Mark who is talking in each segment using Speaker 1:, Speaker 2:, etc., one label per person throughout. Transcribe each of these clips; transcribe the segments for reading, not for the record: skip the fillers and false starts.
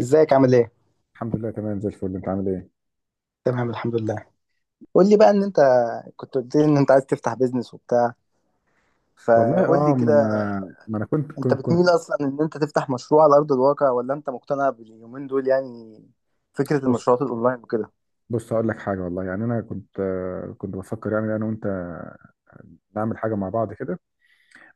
Speaker 1: ازيك عامل ايه؟
Speaker 2: الحمد لله، تمام زي الفل. انت عامل ايه؟
Speaker 1: تمام الحمد لله. قول لي بقى ان انت كنت قلت لي ان انت عايز تفتح بيزنس وبتاع،
Speaker 2: والله
Speaker 1: فقول
Speaker 2: اه،
Speaker 1: لي
Speaker 2: ما انا
Speaker 1: كده.
Speaker 2: ما انا كنت
Speaker 1: انت
Speaker 2: كنت, كنت
Speaker 1: بتميل اصلا ان انت تفتح مشروع على ارض الواقع، ولا انت مقتنع باليومين دول يعني فكرة
Speaker 2: بص،
Speaker 1: المشروعات الاونلاين وكده؟
Speaker 2: بص، هقول لك حاجه، والله. يعني انا كنت كنت بفكر يعني انا وانت نعمل حاجه مع بعض كده.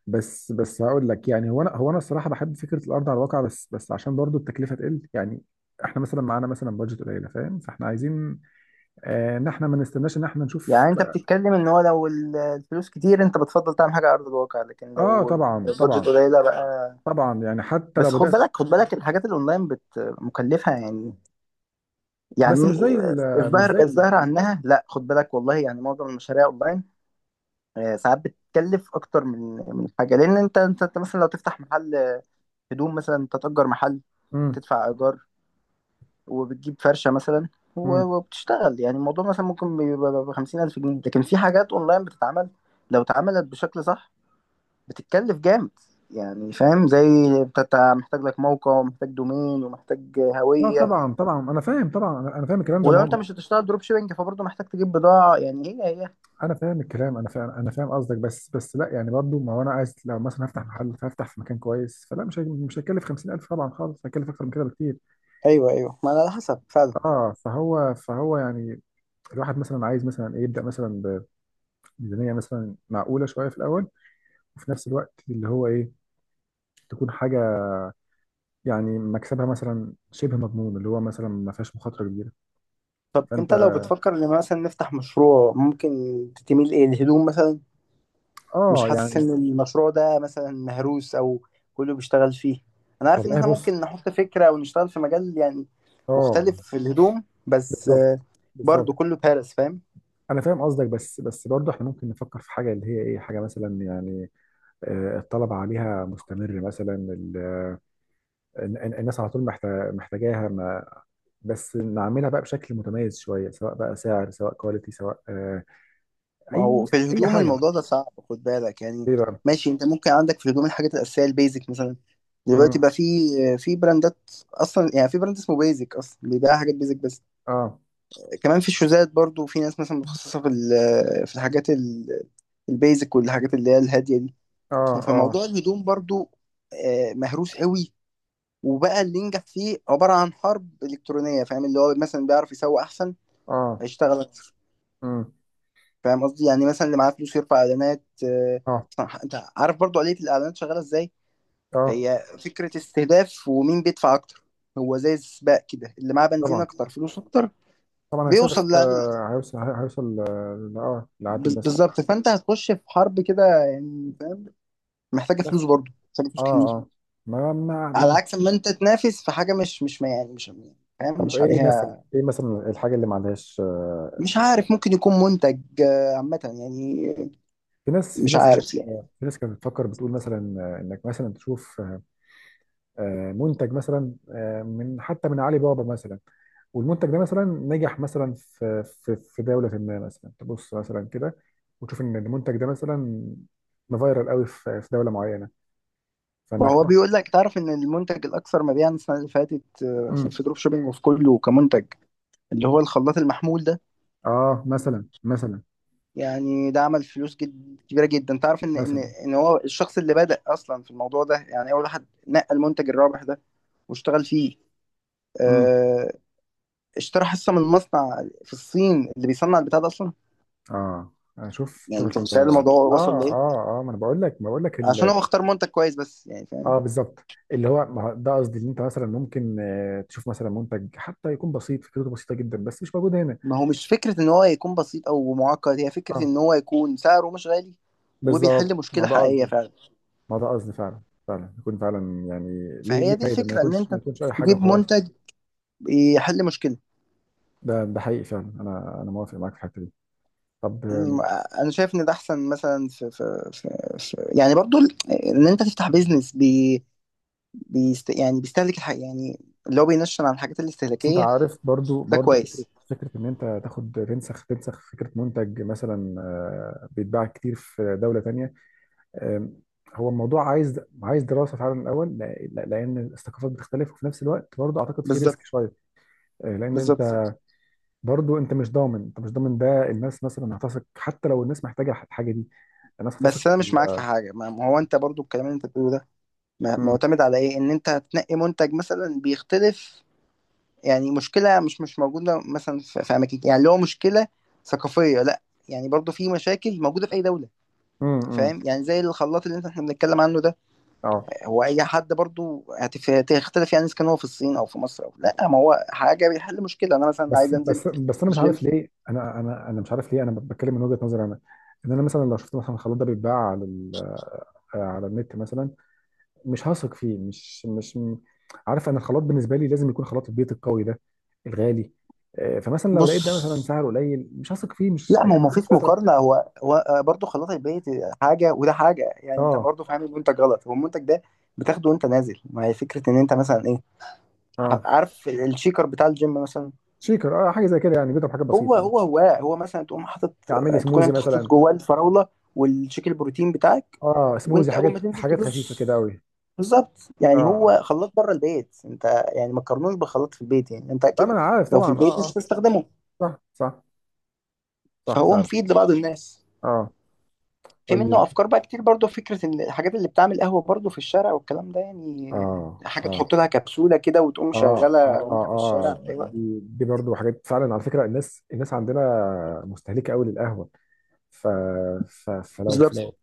Speaker 2: بس، بس، هقول لك. يعني هو انا الصراحه بحب فكره الارض على الواقع، بس، بس، عشان برضو التكلفه تقل يعني. احنا مثلا معانا مثلا بادجت قليله، فاهم؟ فاحنا عايزين ان احنا ما نستناش، ان احنا نشوف.
Speaker 1: يعني انت بتتكلم ان هو لو الفلوس كتير انت بتفضل تعمل حاجة على ارض الواقع، لكن
Speaker 2: اه،
Speaker 1: لو
Speaker 2: طبعا،
Speaker 1: البادجت
Speaker 2: طبعا.
Speaker 1: قليلة بقى.
Speaker 2: طبعا يعني حتى
Speaker 1: بس
Speaker 2: لو
Speaker 1: خد
Speaker 2: بدات.
Speaker 1: بالك خد بالك الحاجات الاونلاين بت مكلفة يعني. يعني
Speaker 2: بس مش زي مش
Speaker 1: الظاهر
Speaker 2: زي...
Speaker 1: الظاهر عنها، لا خد بالك والله. يعني معظم المشاريع اونلاين، ساعات بتكلف اكتر من من حاجه، لان انت انت أنت مثلا لو تفتح محل هدوم مثلا، انت تأجر محل،
Speaker 2: امم.
Speaker 1: تدفع ايجار، وبتجيب فرشه مثلا،
Speaker 2: امم.
Speaker 1: وبتشتغل. يعني الموضوع مثلا ممكن بيبقى ب 50000 جنيه، لكن في حاجات اونلاين بتتعمل لو اتعملت بشكل صح بتتكلف جامد يعني. فاهم؟ زي أنت محتاج لك موقع، ومحتاج دومين، ومحتاج
Speaker 2: اه،
Speaker 1: هويه.
Speaker 2: طبعا، طبعا، انا فاهم، طبعا. انا فاهم الكلام ده. ما
Speaker 1: ولو انت
Speaker 2: هو
Speaker 1: مش هتشتغل دروب شيبنج فبرضه محتاج تجيب بضاعه يعني هي.
Speaker 2: انا فاهم الكلام، انا فاهم، انا فاهم قصدك. بس، بس، لا، يعني برضو، ما هو انا عايز لو مثلا هفتح محل فهفتح في مكان كويس. فلا، مش هيكلف 50000 طبعا خالص، هيكلف اكتر من كده بكتير.
Speaker 1: ايوه، ايوه، ما على حسب فعلا.
Speaker 2: اه، فهو يعني الواحد مثلا عايز مثلا ايه يبدا مثلا بميزانيه مثلا معقوله شويه في الاول، وفي نفس الوقت اللي هو ايه، تكون حاجه يعني مكسبها مثلا شبه مضمون، اللي هو مثلا ما فيهاش مخاطره كبيره.
Speaker 1: طب
Speaker 2: فانت...
Speaker 1: انت لو بتفكر ان مثلا نفتح مشروع، ممكن تميل ايه؟ الهدوم مثلا؟ مش
Speaker 2: اه،
Speaker 1: حاسس
Speaker 2: يعني.
Speaker 1: ان المشروع ده مثلا مهروس او كله بيشتغل فيه؟ انا عارف ان
Speaker 2: والله،
Speaker 1: احنا
Speaker 2: بص.
Speaker 1: ممكن نحط فكرة ونشتغل في مجال يعني مختلف
Speaker 2: اه.
Speaker 1: في الهدوم، بس
Speaker 2: بالظبط،
Speaker 1: برضو
Speaker 2: بالظبط.
Speaker 1: كله بارس، فاهم.
Speaker 2: انا فاهم قصدك، بس، بس، برضه احنا ممكن نفكر في حاجه اللي هي ايه، حاجه مثلا يعني الطلب عليها مستمر مثلا. الناس على طول محتاجاها، ما بس نعملها بقى بشكل متميز شويه، سواء بقى سعر، سواء كواليتي، سواء
Speaker 1: ما
Speaker 2: اي
Speaker 1: هو في
Speaker 2: اي
Speaker 1: الهدوم
Speaker 2: حاجه.
Speaker 1: الموضوع ده صعب خد بالك يعني.
Speaker 2: ايه بقى؟
Speaker 1: ماشي، انت ممكن عندك في الهدوم الحاجات الاساسية، البيزك مثلا. دلوقتي
Speaker 2: مم.
Speaker 1: بقى في براندات اصلا، يعني في براند اسمه بيزك اصلا بيبيع حاجات بيزك بس.
Speaker 2: اه،
Speaker 1: كمان في الشوزات برضو في ناس مثلا متخصصة في الحاجات البيزك والحاجات اللي هي الهادية دي.
Speaker 2: اه. اه،
Speaker 1: فموضوع الهدوم برضو مهروس قوي، وبقى اللي ينجح فيه عبارة عن حرب إلكترونية، فاهم؟ اللي هو مثلا بيعرف يسوق أحسن
Speaker 2: اه.
Speaker 1: هيشتغل أكتر.
Speaker 2: مم.
Speaker 1: فاهم قصدي؟ يعني مثلا اللي معاه فلوس يرفع إعلانات.
Speaker 2: اه،
Speaker 1: صح؟ أنت عارف برضو آلية الإعلانات شغالة إزاي،
Speaker 2: اه،
Speaker 1: هي فكرة استهداف، ومين بيدفع أكتر. هو زي السباق كده، اللي معاه بنزين
Speaker 2: طبعا،
Speaker 1: أكتر، فلوس أكتر،
Speaker 2: طبعا، هيستهدف،
Speaker 1: بيوصل.
Speaker 2: هيوصل، هيوصل، اه، لعدد الناس.
Speaker 1: بالظبط. فانت هتخش في حرب كده يعني، فاهم؟ محتاجه
Speaker 2: بس،
Speaker 1: فلوس، برضه محتاجه فلوس
Speaker 2: اه،
Speaker 1: كتير،
Speaker 2: اه، ما ما
Speaker 1: على
Speaker 2: ما
Speaker 1: عكس ما انت تنافس في حاجه مش ما، يعني مش، يعني، فاهم،
Speaker 2: طب
Speaker 1: مش
Speaker 2: ايه مثلا،
Speaker 1: عليها.
Speaker 2: ايه مثلا الحاجه اللي ما عندهاش
Speaker 1: مش عارف، ممكن يكون منتج عامه يعني،
Speaker 2: في ناس، في
Speaker 1: مش
Speaker 2: ناس كانت
Speaker 1: عارف يعني.
Speaker 2: في ناس كانت بتفكر بتقول مثلا انك مثلا تشوف منتج مثلا من حتى من علي بابا مثلا. والمنتج ده مثلا نجح مثلا في في في دوله ما، مثلا تبص مثلا كده وتشوف ان المنتج ده مثلا مفيرال قوي في في دوله معينه،
Speaker 1: ما
Speaker 2: فانك
Speaker 1: هو
Speaker 2: تروح.
Speaker 1: بيقول لك، تعرف ان المنتج الاكثر مبيعا السنه اللي فاتت في
Speaker 2: امم.
Speaker 1: دروب شوبينج وفي كله كمنتج، اللي هو الخلاط المحمول ده؟
Speaker 2: اه، مثلا، مثلا،
Speaker 1: يعني ده عمل فلوس جد كبيره جدا. تعرف ان ان
Speaker 2: مثلا.
Speaker 1: ان هو الشخص اللي بدأ اصلا في الموضوع ده، يعني اول واحد نقى المنتج الرابح ده واشتغل فيه،
Speaker 2: امم.
Speaker 1: آه، اشترى حصه من مصنع في الصين اللي بيصنع البتاع ده اصلا؟
Speaker 2: اه، شوف،
Speaker 1: يعني
Speaker 2: شوف
Speaker 1: انت متخيل الموضوع وصل لايه؟
Speaker 2: اه، اه، ما انا بقول لك، ما بقول لك.
Speaker 1: عشان هو اختار منتج كويس بس، يعني فاهم.
Speaker 2: اه، بالظبط. اللي هو ما هو ده قصدي، اللي انت مثلا ممكن تشوف مثلا منتج حتى يكون بسيط، فكرته بسيطه جدا بس مش موجود هنا.
Speaker 1: ما هو مش فكره ان هو يكون بسيط او معقد، هي فكره
Speaker 2: اه،
Speaker 1: ان هو يكون سعره مش غالي وبيحل
Speaker 2: بالظبط، ما
Speaker 1: مشكله
Speaker 2: ده
Speaker 1: حقيقيه
Speaker 2: قصدي،
Speaker 1: فعلا.
Speaker 2: ما ده قصدي فعلا، فعلا يكون فعلا يعني. ليه،
Speaker 1: فهي
Speaker 2: ليه
Speaker 1: دي
Speaker 2: فايده ما
Speaker 1: الفكره، ان
Speaker 2: يكونش، ما
Speaker 1: انت
Speaker 2: يكونش اي حاجه
Speaker 1: تجيب
Speaker 2: وخلاص.
Speaker 1: منتج يحل مشكله.
Speaker 2: ده، ده حقيقي فعلا، انا موافق معاك في الحته دي. طب
Speaker 1: أمم، انا شايف ان ده احسن. مثلا في, في يعني برضو ان انت تفتح بيزنس بيست، يعني بيستهلك الحاجه يعني، اللي هو بينشن عن الحاجات
Speaker 2: بس انت
Speaker 1: الاستهلاكيه.
Speaker 2: عارف، برضو،
Speaker 1: ده
Speaker 2: برضو، فكره،
Speaker 1: كويس.
Speaker 2: فكره ان انت تاخد تنسخ، تنسخ فكره منتج مثلا بيتباع كتير في دوله تانيه. أم، هو الموضوع عايز، عايز دراسه فعلا الاول، لان الثقافات بتختلف، وفي نفس الوقت برضه اعتقد في ريسك
Speaker 1: بالظبط،
Speaker 2: شويه. لان صح
Speaker 1: بالظبط.
Speaker 2: انت، برضه انت مش ضامن، انت مش ضامن ده الناس مثلا هتثق حتى لو الناس محتاجه الحاجه دي. الناس هتثق
Speaker 1: بس انا
Speaker 2: في صح
Speaker 1: مش معاك في حاجه. ما هو انت برضو الكلام اللي انت بتقوله ده
Speaker 2: مم،
Speaker 1: معتمد على ايه؟ ان انت هتنقي منتج مثلا بيختلف، يعني مشكله مش موجوده مثلا في اماكن، يعني اللي هو مشكله ثقافيه؟ لا، يعني برضو في مشاكل موجوده في اي دوله،
Speaker 2: مم.
Speaker 1: فاهم؟ يعني زي الخلاط اللي انت احنا بنتكلم عنه ده،
Speaker 2: اه،
Speaker 1: هو اي حد برضو هتختلف يعني اذا كان هو في الصين او في مصر او لا؟ ما هو حاجه بيحل مشكله. انا مثلا عايز
Speaker 2: بس،
Speaker 1: انزل
Speaker 2: بس، بس، انا مش عارف
Speaker 1: الجيم.
Speaker 2: ليه، انا مش عارف ليه، انا بتكلم من وجهه نظري انا. ان انا مثلا لو شفت مثلا الخلاط ده بيتباع على على النت مثلا، مش هثق فيه، مش مش م- عارف انا الخلاط بالنسبه لي لازم يكون خلاط البيت القوي ده الغالي. فمثلا لو لقيت ده
Speaker 1: بص،
Speaker 2: مثلا، بص سعره قليل، مش هثق فيه، مش،
Speaker 1: لا، ما هو ما
Speaker 2: مش
Speaker 1: فيش
Speaker 2: هيضرب.
Speaker 1: مقارنه. هو برضه خلاط البيت حاجه، وده حاجه. يعني انت
Speaker 2: اه،
Speaker 1: برضه فاهم المنتج غلط. هو المنتج ده بتاخده وانت نازل. ما هي فكره ان انت مثلا ايه،
Speaker 2: اه،
Speaker 1: عارف الشيكر بتاع الجيم مثلا؟
Speaker 2: شيكر، اه، حاجه زي كده يعني، بيضرب حاجه بسيطه يعني.
Speaker 1: هو مثلا تقوم حاطط،
Speaker 2: اعمل لي
Speaker 1: تكون
Speaker 2: سموزي
Speaker 1: انت حاطط
Speaker 2: مثلا.
Speaker 1: جواه الفراوله والشيك البروتين بتاعك،
Speaker 2: اه، سموزي،
Speaker 1: وانت اول ما
Speaker 2: حاجات،
Speaker 1: تنزل
Speaker 2: حاجات خفيفه
Speaker 1: تدوس.
Speaker 2: كده قوي.
Speaker 1: بالظبط،
Speaker 2: اه،
Speaker 1: يعني هو
Speaker 2: اه،
Speaker 1: خلاط بره البيت انت، يعني ما تقارنوش بخلاط في البيت. يعني انت
Speaker 2: طبعا
Speaker 1: اكيد
Speaker 2: انا عارف،
Speaker 1: لو في
Speaker 2: طبعا،
Speaker 1: البيت مش
Speaker 2: اه، اه.
Speaker 1: هتستخدمه،
Speaker 2: صح، صح. صح
Speaker 1: فهو
Speaker 2: فعلا.
Speaker 1: مفيد لبعض الناس.
Speaker 2: اه.
Speaker 1: في منه
Speaker 2: طيب.
Speaker 1: افكار بقى كتير برضو. فكره ان الحاجات اللي بتعمل قهوه برضو في الشارع والكلام ده، يعني
Speaker 2: اه،
Speaker 1: حاجه
Speaker 2: اه.
Speaker 1: تحط لها كبسوله كده وتقوم
Speaker 2: اه، اه.
Speaker 1: شغاله وانت في الشارع في
Speaker 2: اه،
Speaker 1: اي وقت.
Speaker 2: دي، دي برضه حاجات، فعلا على فكره، الناس، الناس عندنا مستهلكه قوي للقهوه. ف... فلو،
Speaker 1: بالظبط.
Speaker 2: لو،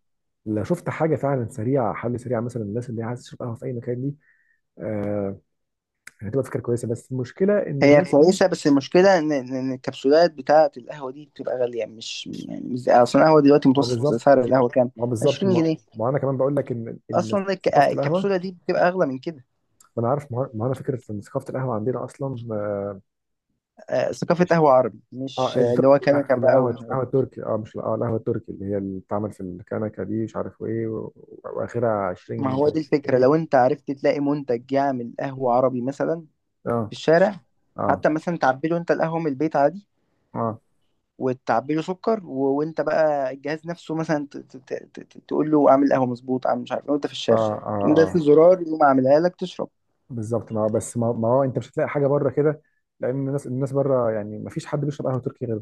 Speaker 2: لو شفت حاجه فعلا سريعه، حل سريع مثلا، الناس اللي عايزه تشرب قهوه في اي مكان دي، آه، هتبقى فكره كويسه. بس المشكله ان
Speaker 1: هي
Speaker 2: الناس هنا...
Speaker 1: كويسه، بس المشكله ان إن الكبسولات بتاعه القهوه دي بتبقى غاليه. مش يعني، مش اصلا القهوه دلوقتي
Speaker 2: اه،
Speaker 1: متوسط
Speaker 2: بالظبط.
Speaker 1: سعر القهوه كام؟
Speaker 2: اه، بالظبط،
Speaker 1: 20
Speaker 2: ما،
Speaker 1: جنيه
Speaker 2: ما انا كمان بقول لك ان
Speaker 1: اصلا
Speaker 2: ثقافه القهوه...
Speaker 1: الكبسوله دي بتبقى اغلى من كده.
Speaker 2: ما انا عارف، ما انا فكره ان ثقافه القهوه عندنا اصلا
Speaker 1: ثقافه
Speaker 2: مش...
Speaker 1: قهوه عربي، مش
Speaker 2: اه،
Speaker 1: اللي
Speaker 2: التركي،
Speaker 1: هو
Speaker 2: لا،
Speaker 1: كنكه بقى
Speaker 2: القهوه،
Speaker 1: ومش
Speaker 2: القهوه
Speaker 1: عارف إيه.
Speaker 2: التركي، اه، مش، اه، القهوه التركي اللي هي اللي بتتعمل في الكنكه دي، مش عارف ايه واخرها
Speaker 1: ما
Speaker 2: 20
Speaker 1: هو دي
Speaker 2: 30
Speaker 1: الفكره،
Speaker 2: جنيه
Speaker 1: لو انت عرفت تلاقي منتج يعمل قهوه عربي مثلا
Speaker 2: اه،
Speaker 1: في الشارع،
Speaker 2: اه،
Speaker 1: حتى مثلا تعبي له انت القهوه من البيت عادي،
Speaker 2: اه،
Speaker 1: وتعبي له سكر، وانت بقى الجهاز نفسه مثلا تقول له اعمل قهوه مظبوط، اعمل مش عارف ايه، وانت في
Speaker 2: اه،
Speaker 1: الشارع،
Speaker 2: اه،
Speaker 1: تقوم دايس
Speaker 2: آه.
Speaker 1: الزرار يقوم عاملها لك تشرب.
Speaker 2: بالظبط، ما بس، ما، ما هو انت مش هتلاقي حاجه بره كده، لان الناس، الناس بره يعني ما فيش حد بيشرب قهوه تركي غير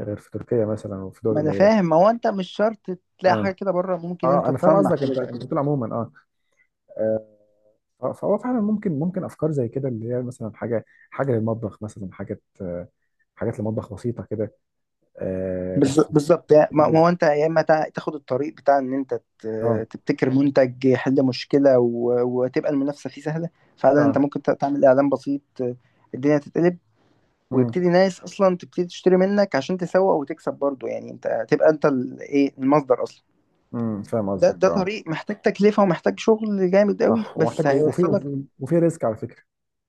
Speaker 2: غير في تركيا مثلا وفي دول
Speaker 1: ما انا
Speaker 2: قليله.
Speaker 1: فاهم، ما هو انت مش شرط تلاقي
Speaker 2: اه،
Speaker 1: حاجه كده بره. ممكن
Speaker 2: اه،
Speaker 1: انت
Speaker 2: انا فاهم
Speaker 1: تصنع
Speaker 2: قصدك،
Speaker 1: حاجه
Speaker 2: انت،
Speaker 1: زي
Speaker 2: انت
Speaker 1: كده.
Speaker 2: بتقول عموما. اه، فهو فعلا ممكن، ممكن افكار زي كده اللي هي مثلا حاجه، حاجه للمطبخ مثلا، حاجات حاجات للمطبخ بسيطه كده. آه. بس
Speaker 1: بالظبط. يعني ما
Speaker 2: تنجز.
Speaker 1: هو انت يا اما تاخد الطريق بتاع ان انت
Speaker 2: اه،
Speaker 1: تبتكر منتج يحل مشكله، وتبقى المنافسه فيه سهله فعلا. انت
Speaker 2: اه.
Speaker 1: ممكن تعمل اعلان بسيط الدنيا تتقلب،
Speaker 2: امم.
Speaker 1: ويبتدي ناس اصلا تبتدي تشتري منك، عشان تسوق وتكسب برضو. يعني انت تبقى انت ايه، المصدر اصلا.
Speaker 2: امم، فاهم قصدك،
Speaker 1: ده
Speaker 2: اه.
Speaker 1: طريق محتاج تكلفة ومحتاج شغل جامد قوي،
Speaker 2: صح،
Speaker 1: بس
Speaker 2: ومحتاج، وفي
Speaker 1: هيوصلك.
Speaker 2: وفي وفي ريسك، على فكره،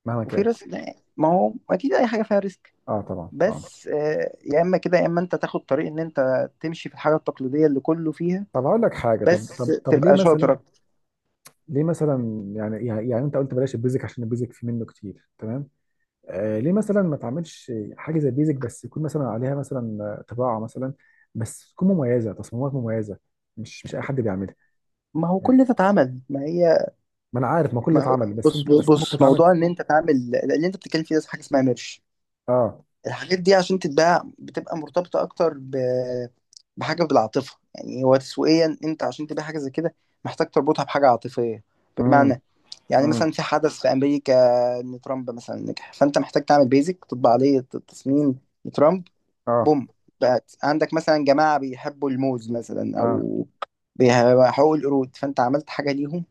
Speaker 2: مهما
Speaker 1: وفي
Speaker 2: كان.
Speaker 1: ريسك، لا، ما هو اكيد اي حاجة فيها ريسك.
Speaker 2: اه، طبعا، اه.
Speaker 1: بس يا اما كده، يا اما انت تاخد طريق ان انت تمشي في الحاجة التقليدية اللي كله فيها،
Speaker 2: طب هقول لك حاجه. طب
Speaker 1: بس
Speaker 2: طب طب ليه
Speaker 1: تبقى شاطر
Speaker 2: مثلا،
Speaker 1: أكتر.
Speaker 2: ليه مثلا يعني، يعني، يعني انت قلت بلاش البيزك عشان البيزك في منه كتير، تمام. آه، ليه مثلا ما تعملش حاجه زي البيزك بس يكون مثلا عليها مثلا طباعه مثلا، بس تكون مميزه، تصميمات مميزه، مش مش اي حد بيعملها،
Speaker 1: ما هو
Speaker 2: يعني.
Speaker 1: كل ده اتعمل. ما هي،
Speaker 2: ما انا عارف، ما كل ده
Speaker 1: ما هو
Speaker 2: اتعمل، بس انت،
Speaker 1: بص،
Speaker 2: بس انت ممكن تعمل...
Speaker 1: موضوع ان انت تعمل اللي انت بتتكلم فيه ده حاجة اسمها ميرش.
Speaker 2: اه.
Speaker 1: الحاجات دي عشان تتباع بتبقى مرتبطة أكتر بحاجة بالعاطفة. يعني هو تسويقيا أنت عشان تبيع حاجة زي كده محتاج تربطها بحاجة عاطفية.
Speaker 2: امم،
Speaker 1: بمعنى، يعني
Speaker 2: امم.
Speaker 1: مثلا في حدث في أمريكا، إن ترامب مثلا نجح، فأنت محتاج تعمل بيزك تطبع عليه التصميم لترامب،
Speaker 2: اه،
Speaker 1: بوم، بقت عندك مثلا جماعة بيحبوا الموز مثلا،
Speaker 2: اه.
Speaker 1: أو بيحبوا القرود، فأنت عملت حاجة ليهم،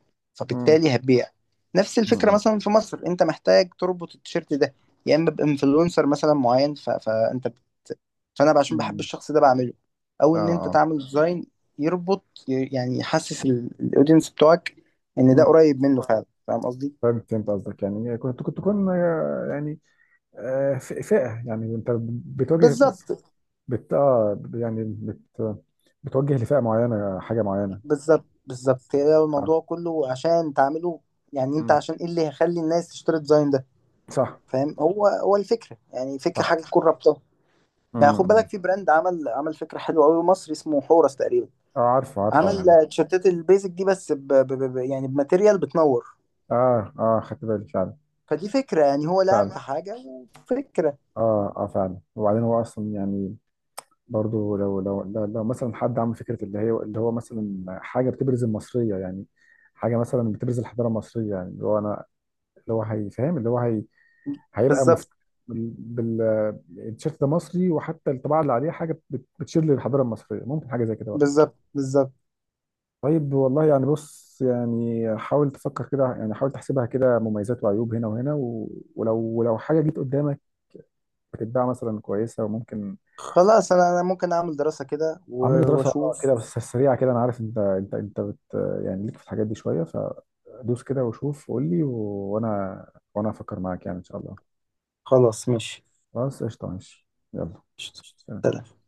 Speaker 2: امم،
Speaker 1: فبالتالي هتبيع. نفس الفكرة
Speaker 2: امم.
Speaker 1: مثلا في مصر، أنت محتاج تربط التيشيرت ده يا إما بإنفلونسر مثلا معين، فأنت فأنا عشان بحب
Speaker 2: امم.
Speaker 1: الشخص ده بعمله، أو
Speaker 2: اه،
Speaker 1: إن أنت
Speaker 2: اه.
Speaker 1: تعمل ديزاين يربط، يعني يحسس الأودينس بتوعك إن ده
Speaker 2: امم.
Speaker 1: قريب منه فعلا. فاهم قصدي؟
Speaker 2: فهمت، فهمت قصدك، يعني، يعني كنت، كنت تكون يعني فئه، يعني انت بتواجه،
Speaker 1: بالظبط،
Speaker 2: بت آه، يعني بت، بتوجه لفئة معينة، حاجة معينة.
Speaker 1: بالظبط، بالظبط. هي
Speaker 2: آه.
Speaker 1: الموضوع كله عشان تعمله، يعني انت
Speaker 2: مم.
Speaker 1: عشان ايه اللي هيخلي الناس تشتري الديزاين ده،
Speaker 2: صح.
Speaker 1: فاهم؟ هو الفكره، يعني فكره حاجه
Speaker 2: صح.
Speaker 1: تكون رابطه. يعني خد
Speaker 2: امم.
Speaker 1: بالك، في براند عمل فكره حلوه قوي، مصري، اسمه حورس تقريبا.
Speaker 2: اه، عارفه، عارفه،
Speaker 1: عمل
Speaker 2: عارف؟
Speaker 1: تيشيرتات البيزك دي، بس يعني بماتيريال بتنور.
Speaker 2: اه، اه، خدت بالي فعلا.
Speaker 1: فدي فكره، يعني هو لعب في
Speaker 2: فعلا،
Speaker 1: حاجه وفكره.
Speaker 2: اه، اه، فعلا. وبعدين هو اصلا يعني برضو لو، لو، لو، لو مثلا حد عمل فكره اللي هي اللي هو مثلا حاجه بتبرز المصريه، يعني حاجه مثلا بتبرز الحضاره المصريه، يعني اللي هو انا، اللي هو هيفهم، اللي هو هي هيبقى
Speaker 1: بالظبط،
Speaker 2: بال بال- التيشيرت ده مصري، وحتى الطباعه اللي عليه حاجه بتشير للحضاره المصريه، ممكن حاجه زي كده.
Speaker 1: بالظبط، بالظبط.
Speaker 2: طيب، والله يعني بص، يعني حاول تفكر كده، يعني حاول تحسبها كده مميزات وعيوب هنا وهنا و... ولو، ولو حاجه جيت قدامك بتتباع مثلا كويسه وممكن...
Speaker 1: خلاص، انا ممكن اعمل دراسه كده
Speaker 2: اعمل لي دراسه، اه،
Speaker 1: واشوف.
Speaker 2: كده، بس سريعه كده. انا عارف انت، انت، انت بت، يعني ليك في الحاجات دي شويه، فدوس كده وشوف، قول لي و... وانا، وانا افكر معاك، يعني ان شاء الله.
Speaker 1: خلاص، ماشي.
Speaker 2: خلاص، قشطه، ماشي. يلا.
Speaker 1: قشطة. سلام.